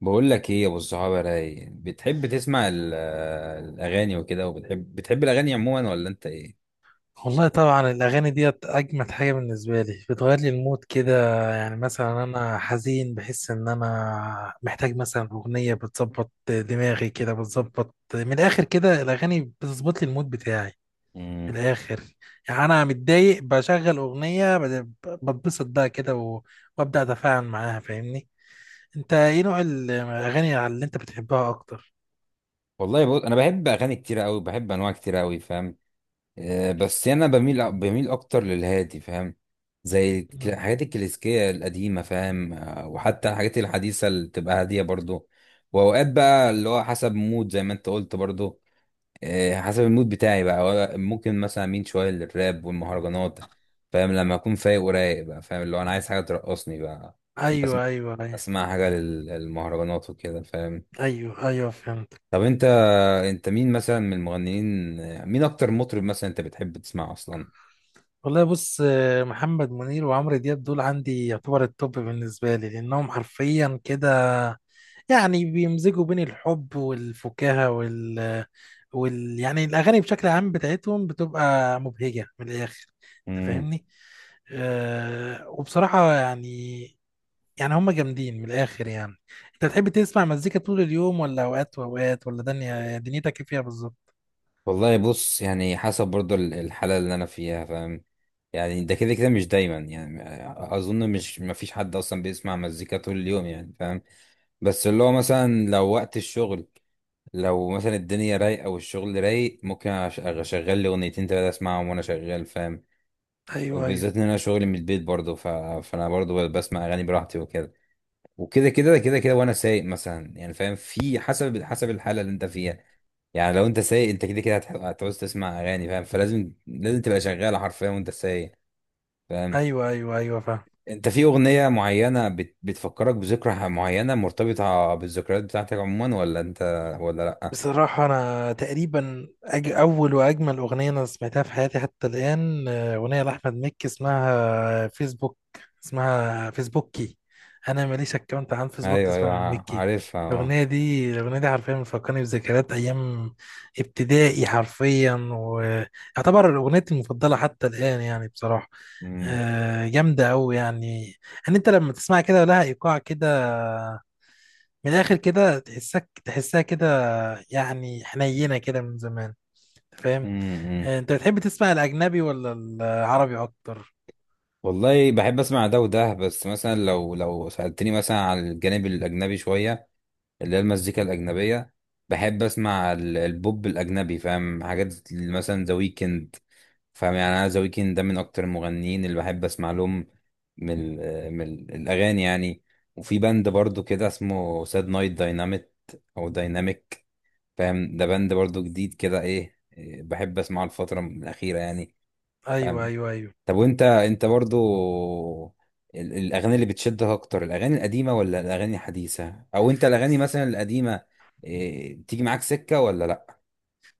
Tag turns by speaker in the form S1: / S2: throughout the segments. S1: بقول لك ايه يا ابو الصحابه راي، بتحب تسمع الاغاني وكده؟ وبتحب، بتحب الاغاني عموما ولا انت ايه؟
S2: والله طبعا الأغاني ديت أجمد حاجة بالنسبة لي، بتغير لي المود كده. يعني مثلا أنا حزين، بحس إن أنا محتاج مثلا أغنية بتظبط دماغي كده، بتظبط من الآخر كده. الأغاني بتظبط لي المود بتاعي
S1: امم.
S2: من الآخر. يعني أنا متضايق بشغل أغنية بتبسط بقى كده وأبدأ أتفاعل معاها. فاهمني؟ أنت إيه نوع الأغاني اللي أنت بتحبها أكتر؟
S1: والله بقول انا بحب اغاني كتير قوي، بحب انواع كتير قوي، فاهم؟ آه بس انا بميل اكتر للهادي، فاهم؟ زي
S2: مم.
S1: الحاجات الكلاسيكيه القديمه، فاهم؟ آه، وحتى الحاجات الحديثه اللي تبقى هاديه برضو. واوقات بقى اللي هو حسب مود زي ما انت قلت برضو. آه، حسب المود بتاعي بقى، ممكن مثلا اميل شويه للراب والمهرجانات. فاهم؟ لما اكون فايق ورايق بقى، فاهم؟ اللي هو انا عايز حاجه ترقصني بقى. بس
S2: أيوه، أيوه، أيوه.
S1: اسمع حاجه للمهرجانات وكده، فاهم؟
S2: أيوه، أيوه، فهمت.
S1: طب انت مين مثلا من المغنيين؟ مين اكتر مطرب مثلا انت بتحب تسمعه اصلا؟
S2: والله بص، محمد منير وعمرو دياب دول عندي يعتبر التوب بالنسبة لي، لأنهم حرفيا كده يعني بيمزجوا بين الحب والفكاهة يعني الأغاني بشكل عام بتاعتهم بتبقى مبهجة من الآخر. أنت
S1: امم.
S2: فاهمني؟ وبصراحة يعني، يعني هم جامدين من الآخر يعني. أنت بتحب تسمع مزيكا طول اليوم ولا أوقات وأوقات، ولا دنيتك إيه فيها بالظبط؟
S1: والله بص، يعني حسب برضو الحاله اللي انا فيها، فاهم؟ يعني ده كده كده مش دايما يعني. اظن مش مفيش حد اصلا بيسمع مزيكا طول اليوم، يعني فاهم؟ بس اللي هو مثلا لو وقت الشغل، لو مثلا الدنيا رايقه والشغل رايق، ممكن اشغل لي اغنيتين تلاتة اسمعهم وانا شغال، فاهم؟
S2: أيوه، أيوه،
S1: وبالذات ان انا شغلي من البيت برضه، فانا برضه بسمع اغاني براحتي وكده. وكده كده كده كده وانا سايق مثلا، يعني فاهم؟ في حسب الحاله اللي انت فيها. يعني لو انت سايق، انت كده كده هتعوز تسمع اغاني، فاهم؟ فلازم، لازم تبقى شغاله حرفيا وانت سايق، فاهم؟
S2: أيوه. أيوه، أيوه، فاهم.
S1: انت في اغنيه معينه بتفكرك بذكرى معينه مرتبطه بالذكريات بتاعتك عموما، ولا انت ولا لا؟
S2: بصراحة أنا تقريبا أول وأجمل أغنية أنا سمعتها في حياتي حتى الآن، أغنية لأحمد مكي اسمها فيسبوك، اسمها فيسبوكي. أنا ماليش أكونت عن فيسبوك،
S1: ايوه، ايوه،
S2: اسمها أحمد مكي.
S1: عارفها. آه.
S2: الأغنية دي حرفيا بتفكرني بذكريات أيام ابتدائي حرفيا، ويعتبر أغنيتي المفضلة حتى الآن يعني، بصراحة.
S1: مم.
S2: جامدة أوي يعني. إن أنت لما تسمع كده لها إيقاع كده من الآخر كده، تحسها كده، يعني حنينة كده من زمان.
S1: مم.
S2: فاهم؟
S1: مم.
S2: انت بتحب تسمع الاجنبي ولا العربي اكتر؟
S1: والله بحب اسمع ده وده، بس مثلا لو سألتني مثلا على الجانب الاجنبي شويه، اللي هي المزيكا الاجنبيه، بحب اسمع البوب الاجنبي، فاهم؟ حاجات مثلا ذا ويكند. فاهم؟ يعني انا ذا ويكند ده من اكتر المغنيين اللي بحب اسمع لهم من الاغاني يعني. وفي باند برضو كده اسمه ساد نايت دايناميت، او دايناميك، فاهم؟ ده باند برضو جديد كده ايه إيه، بحب اسمعه الفتره الاخيره يعني.
S2: ايوه، ايوه، ايوه.
S1: طب وانت، برضو الاغاني اللي بتشدك اكتر، الاغاني القديمه ولا الاغاني الحديثه؟ او انت الاغاني مثلا القديمه، تيجي معاك سكه ولا لا؟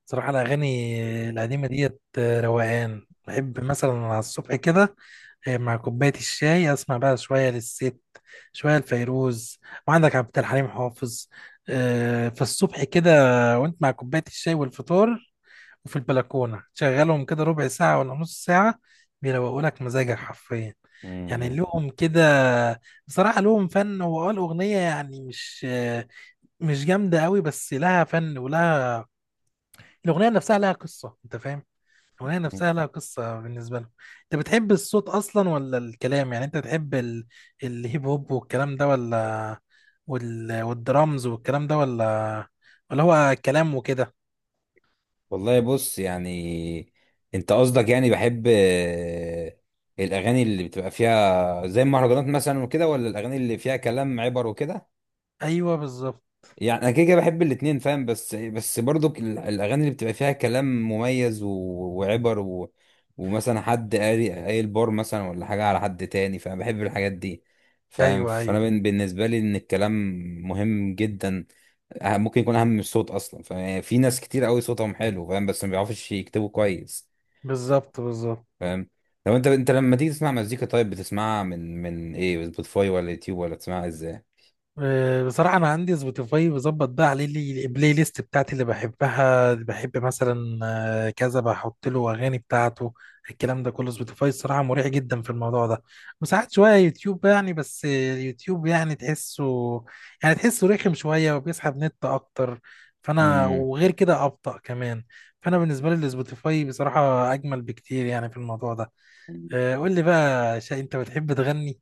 S2: صراحة الاغاني القديمة ديت، روقان. بحب مثلا على الصبح كده، مع كوباية الشاي، اسمع بقى شوية للست، شوية لفيروز، وعندك عبد الحليم حافظ. فالصبح كده وانت مع كوباية الشاي والفطار وفي البلكونة، شغلهم كده ربع ساعة ولا نص ساعة، بيروقوا لك مزاجك حرفيا. يعني
S1: امم.
S2: لهم كده، بصراحة لهم فن. هو الأغنية يعني مش جامدة قوي، بس لها فن ولها، الأغنية نفسها لها قصة. أنت فاهم؟ الأغنية نفسها لها قصة بالنسبة لهم. أنت بتحب الصوت أصلا ولا الكلام؟ يعني أنت بتحب الهيب هوب والكلام ده، ولا والدرامز والكلام ده، ولا هو كلام وكده؟
S1: والله بص، يعني انت قصدك يعني بحب الاغاني اللي بتبقى فيها زي المهرجانات مثلا وكده، ولا الاغاني اللي فيها كلام عبر وكده؟
S2: أيوه، بالظبط.
S1: يعني انا كده كده بحب الاتنين، فاهم؟ بس برضو الاغاني اللي بتبقى فيها كلام مميز وعبر، ومثلا حد قاري قايل بار مثلا، ولا حاجه على حد تاني، فانا بحب الحاجات دي، فاهم؟
S2: أيوه،
S1: فانا
S2: أيوه،
S1: بالنسبه لي ان الكلام مهم جدا. ممكن يكون اهم من الصوت اصلا. ففي ناس كتير قوي صوتهم حلو، فاهم؟ بس ما بيعرفوش يكتبوا كويس،
S2: بالظبط، بالظبط.
S1: فاهم؟ لو انت، لما تيجي تسمع مزيكا، طيب بتسمعها من ايه، سبوتيفاي ولا يوتيوب؟ ولا بتسمعها ازاي؟
S2: بصراحة أنا عندي سبوتيفاي، بظبط بقى عليه البلاي ليست بتاعتي اللي بحبها، اللي بحب مثلا آه، كذا بحط له أغاني بتاعته. الكلام ده كله سبوتيفاي، الصراحة مريح جدا في الموضوع ده. وساعات شوية يوتيوب يعني، بس اليوتيوب يعني تحسه رخم شوية، وبيسحب نت أكتر، فأنا
S1: امم.
S2: وغير كده أبطأ كمان. فأنا بالنسبة لي السبوتيفاي بصراحة أجمل بكتير يعني في الموضوع ده. قول لي بقى، أنت بتحب تغني؟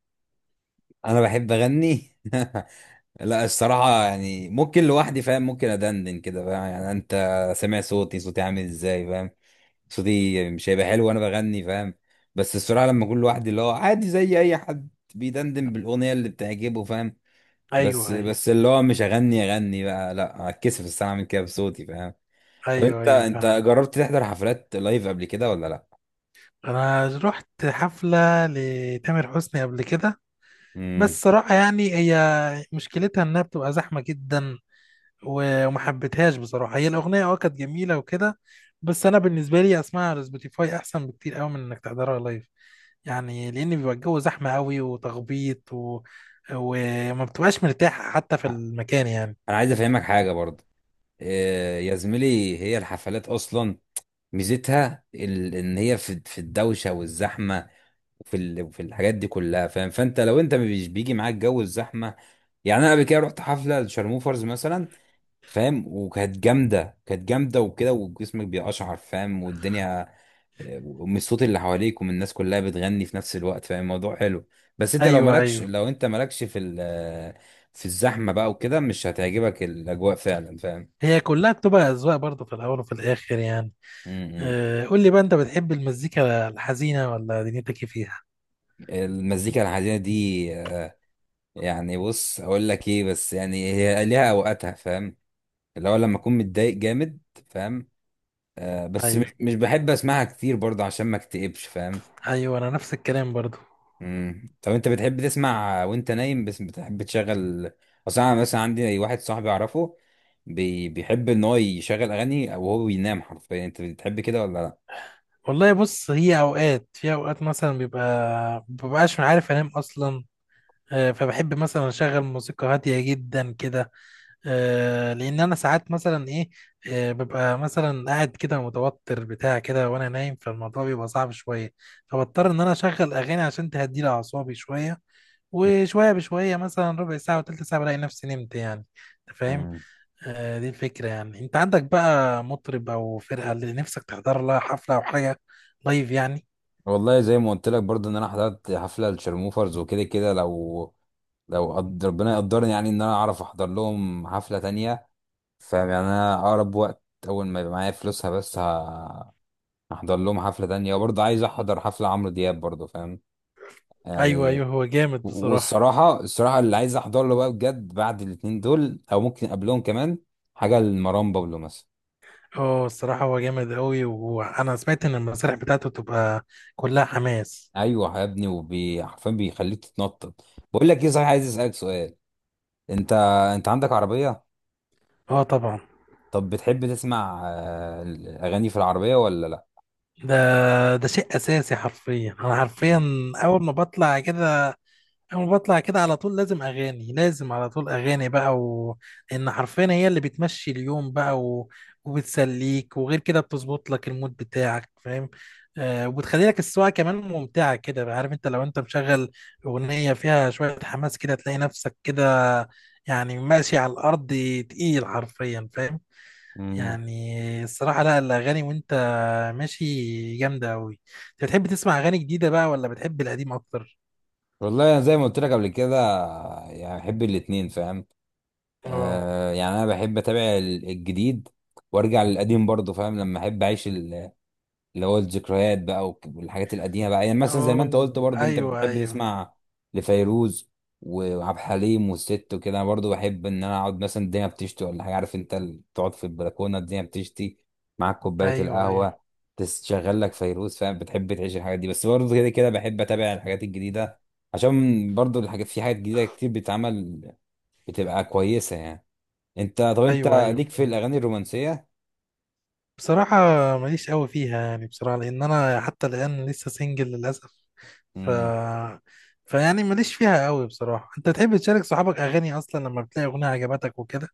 S1: انا بحب اغني لا الصراحة، يعني ممكن لوحدي، فاهم؟ ممكن أدندن كده، فاهم؟ يعني أنت سامع صوتي، عامل إزاي؟ فاهم؟ صوتي مش هيبقى حلو وأنا بغني، فاهم؟ بس الصراحة لما أكون لوحدي، اللي هو عادي زي أي حد بيدندن بالأغنية اللي بتعجبه، فاهم؟ بس
S2: أيوه، أيوه،
S1: بس اللي هو مش أغني، أغني بقى لا، هتكسف الصراحة أعمل كده بصوتي، فاهم؟ طب
S2: أيوه.
S1: أنت،
S2: أيوه.
S1: جربت تحضر حفلات لايف قبل كده ولا لأ؟
S2: انا رحت حفله لتامر حسني قبل كده،
S1: امم.
S2: بس صراحه يعني هي، مشكلتها انها بتبقى زحمه جدا وما حبيتهاش بصراحه. هي الاغنيه كانت جميله وكده، بس انا بالنسبه لي اسمعها على سبوتيفاي احسن بكتير قوي من انك تحضرها لايف. يعني لان بيبقى الجو زحمه قوي وتخبيط وما بتبقاش مرتاح حتى في المكان يعني.
S1: أنا عايز أفهمك حاجة برضه. إيه يا زميلي، هي الحفلات أصلا ميزتها ان هي في، الدوشه والزحمه، وفي الحاجات دي كلها، فاهم؟ فانت لو انت مش بيجي معاك جو الزحمه. يعني انا قبل كده رحت حفله لشارموفرز مثلا، فاهم؟ وكانت جامده، كانت جامده وكده، وجسمك بيقشعر، فاهم؟ والدنيا، ومن الصوت اللي حواليك ومن الناس كلها بتغني في نفس الوقت، فاهم؟ الموضوع حلو. بس انت لو
S2: ايوه،
S1: مالكش،
S2: ايوه.
S1: لو انت مالكش في في الزحمه بقى وكده، مش هتعجبك الاجواء فعلا، فاهم؟
S2: هي كلها بتبقى اذواق برضه في الاول وفي الاخر يعني.
S1: م.
S2: قول لي بقى، انت بتحب المزيكا الحزينه ولا دنيتك إيه فيها؟
S1: المزيكا الحزينه دي آه، يعني بص اقول لك ايه، بس يعني هي ليها اوقاتها، فاهم؟ اللي هو لما اكون متضايق جامد، فاهم؟ آه بس
S2: ايوه،
S1: مش بحب اسمعها كتير برضه عشان ما اكتئبش، فاهم؟
S2: ايوه، انا نفس الكلام برضو.
S1: مم. طب انت بتحب تسمع وانت نايم؟ بس بتحب تشغل، اصل انا مثلا عندي واحد صاحبي اعرفه بيحب ان هو يشغل اغاني وهو بينام حرفيا. انت بتحب كده ولا لا؟
S2: والله بص، هي اوقات، في اوقات مثلا بيبقى مببقاش عارف انام اصلا. فبحب مثلا اشغل موسيقى هاديه جدا كده، لان انا ساعات مثلا ايه، ببقى مثلا قاعد كده متوتر بتاع كده وانا نايم، فالموضوع بيبقى صعب شويه، فبضطر ان انا اشغل اغاني عشان تهدي لي اعصابي شويه، وشويه بشويه مثلا ربع ساعه وتلت ساعه بلاقي نفسي نمت يعني. أنت فاهم؟
S1: مم.
S2: دي الفكرة. يعني انت عندك بقى مطرب او فرقة اللي نفسك تحضر لها حفلة او حاجة لايف يعني؟
S1: والله زي ما قلت لك برضه ان انا حضرت حفله للشرموفرز وكده كده، ربنا يقدرني يعني ان انا اعرف احضر لهم حفله تانية، فاهم؟ يعني انا اقرب وقت، اول ما يبقى معايا فلوسها بس، هحضر لهم حفله تانية. وبرضه عايز احضر حفله عمرو دياب برضه، فاهم
S2: ايوه،
S1: يعني؟
S2: ايوه، هو جامد
S1: و-
S2: بصراحة.
S1: والصراحه الصراحه اللي عايز احضر له بقى بجد بعد الاتنين دول، او ممكن قبلهم كمان، حاجه لمروان بابلو مثلا.
S2: اه الصراحة هو جامد قوي، وانا سمعت ان المسارح بتاعته تبقى كلها حماس.
S1: ايوه يا ابني، وبي حرفيا بيخليك تتنطط. بقول لك ايه صحيح، عايز اسالك سؤال. انت، عندك عربيه؟
S2: اه، طبعا.
S1: طب بتحب تسمع الاغاني في العربيه ولا لا؟
S2: ده ده شيء اساسي حرفيا. انا حرفيا اول ما بطلع كده أول ما بطلع كده على طول لازم أغاني، لازم على طول أغاني بقى، لأن حرفيا هي اللي بتمشي اليوم بقى وبتسليك، وغير كده بتظبط لك المود بتاعك، فاهم؟ وبتخلي لك السواقة كمان ممتعة كده. عارف أنت لو أنت مشغل أغنية فيها شوية حماس كده تلاقي نفسك كده، يعني ماشي على الأرض تقيل حرفيا، فاهم؟
S1: امم.
S2: يعني الصراحة لا، الأغاني وأنت ماشي جامدة أوي. أنت بتحب تسمع أغاني جديدة بقى ولا بتحب القديم أكتر؟
S1: والله أنا زي ما قلت لك قبل كده، يعني بحب الاتنين، فاهم؟
S2: اه.
S1: آه يعني انا بحب اتابع الجديد وارجع للقديم برضه، فاهم؟ لما احب اعيش اللي هو الذكريات بقى، والحاجات القديمه بقى. يعني مثلا زي ما انت قلت
S2: اوه،
S1: برضه انت
S2: ايوه،
S1: بتحب
S2: ايوه،
S1: تسمع لفيروز وعبد الحليم والست وكده. انا برضه بحب ان انا اقعد، مثلا الدنيا بتشتي ولا حاجه، عارف انت، تقعد في البلكونه، الدنيا بتشتي، معاك كوبايه
S2: ايوه. ايوه،
S1: القهوه، تشغل لك فيروز، فاهم؟ بتحب تعيش الحاجات دي. بس برضه كده كده بحب اتابع الحاجات الجديده، عشان برضه في حاجات جديده كتير بتتعمل بتبقى كويسه يعني. طب انت
S2: ايوه، ايوه،
S1: ليك في
S2: فهمت.
S1: الاغاني الرومانسيه؟
S2: بصراحة ماليش قوي فيها يعني، بصراحة لأن أنا حتى الآن لسه سنجل للأسف. ف
S1: امم.
S2: فيعني ماليش فيها قوي، بصراحة. أنت تحب تشارك صحابك أغاني أصلا لما بتلاقي أغنية عجبتك وكده؟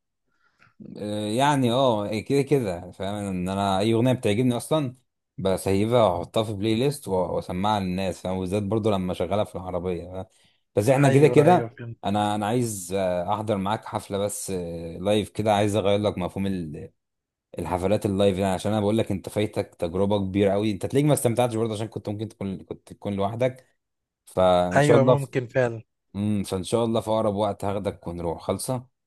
S1: يعني اه إيه، كده كده فاهم ان انا اي اغنيه بتعجبني اصلا بسيبها واحطها في بلاي ليست واسمعها للناس، فاهم؟ وبالذات برضو لما اشغلها في العربيه، فاهم؟ بس احنا كده
S2: أيوه، أيوه،
S1: كده.
S2: فهمت.
S1: انا عايز احضر معاك حفله، بس لايف كده، عايز اغير لك مفهوم الحفلات اللايف. يعني عشان انا بقول لك انت فايتك تجربه كبيره قوي، انت تلاقيك ما استمتعتش برضه عشان كنت ممكن تكون، كنت تكون لوحدك فان شاء الله
S2: أيوه، ممكن فعلا.
S1: مم، فان شاء الله في اقرب وقت هاخدك ونروح خالصه.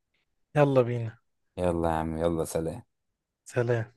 S2: يلا بينا.
S1: يلا يا عم، يلا. سلام.
S2: سلام.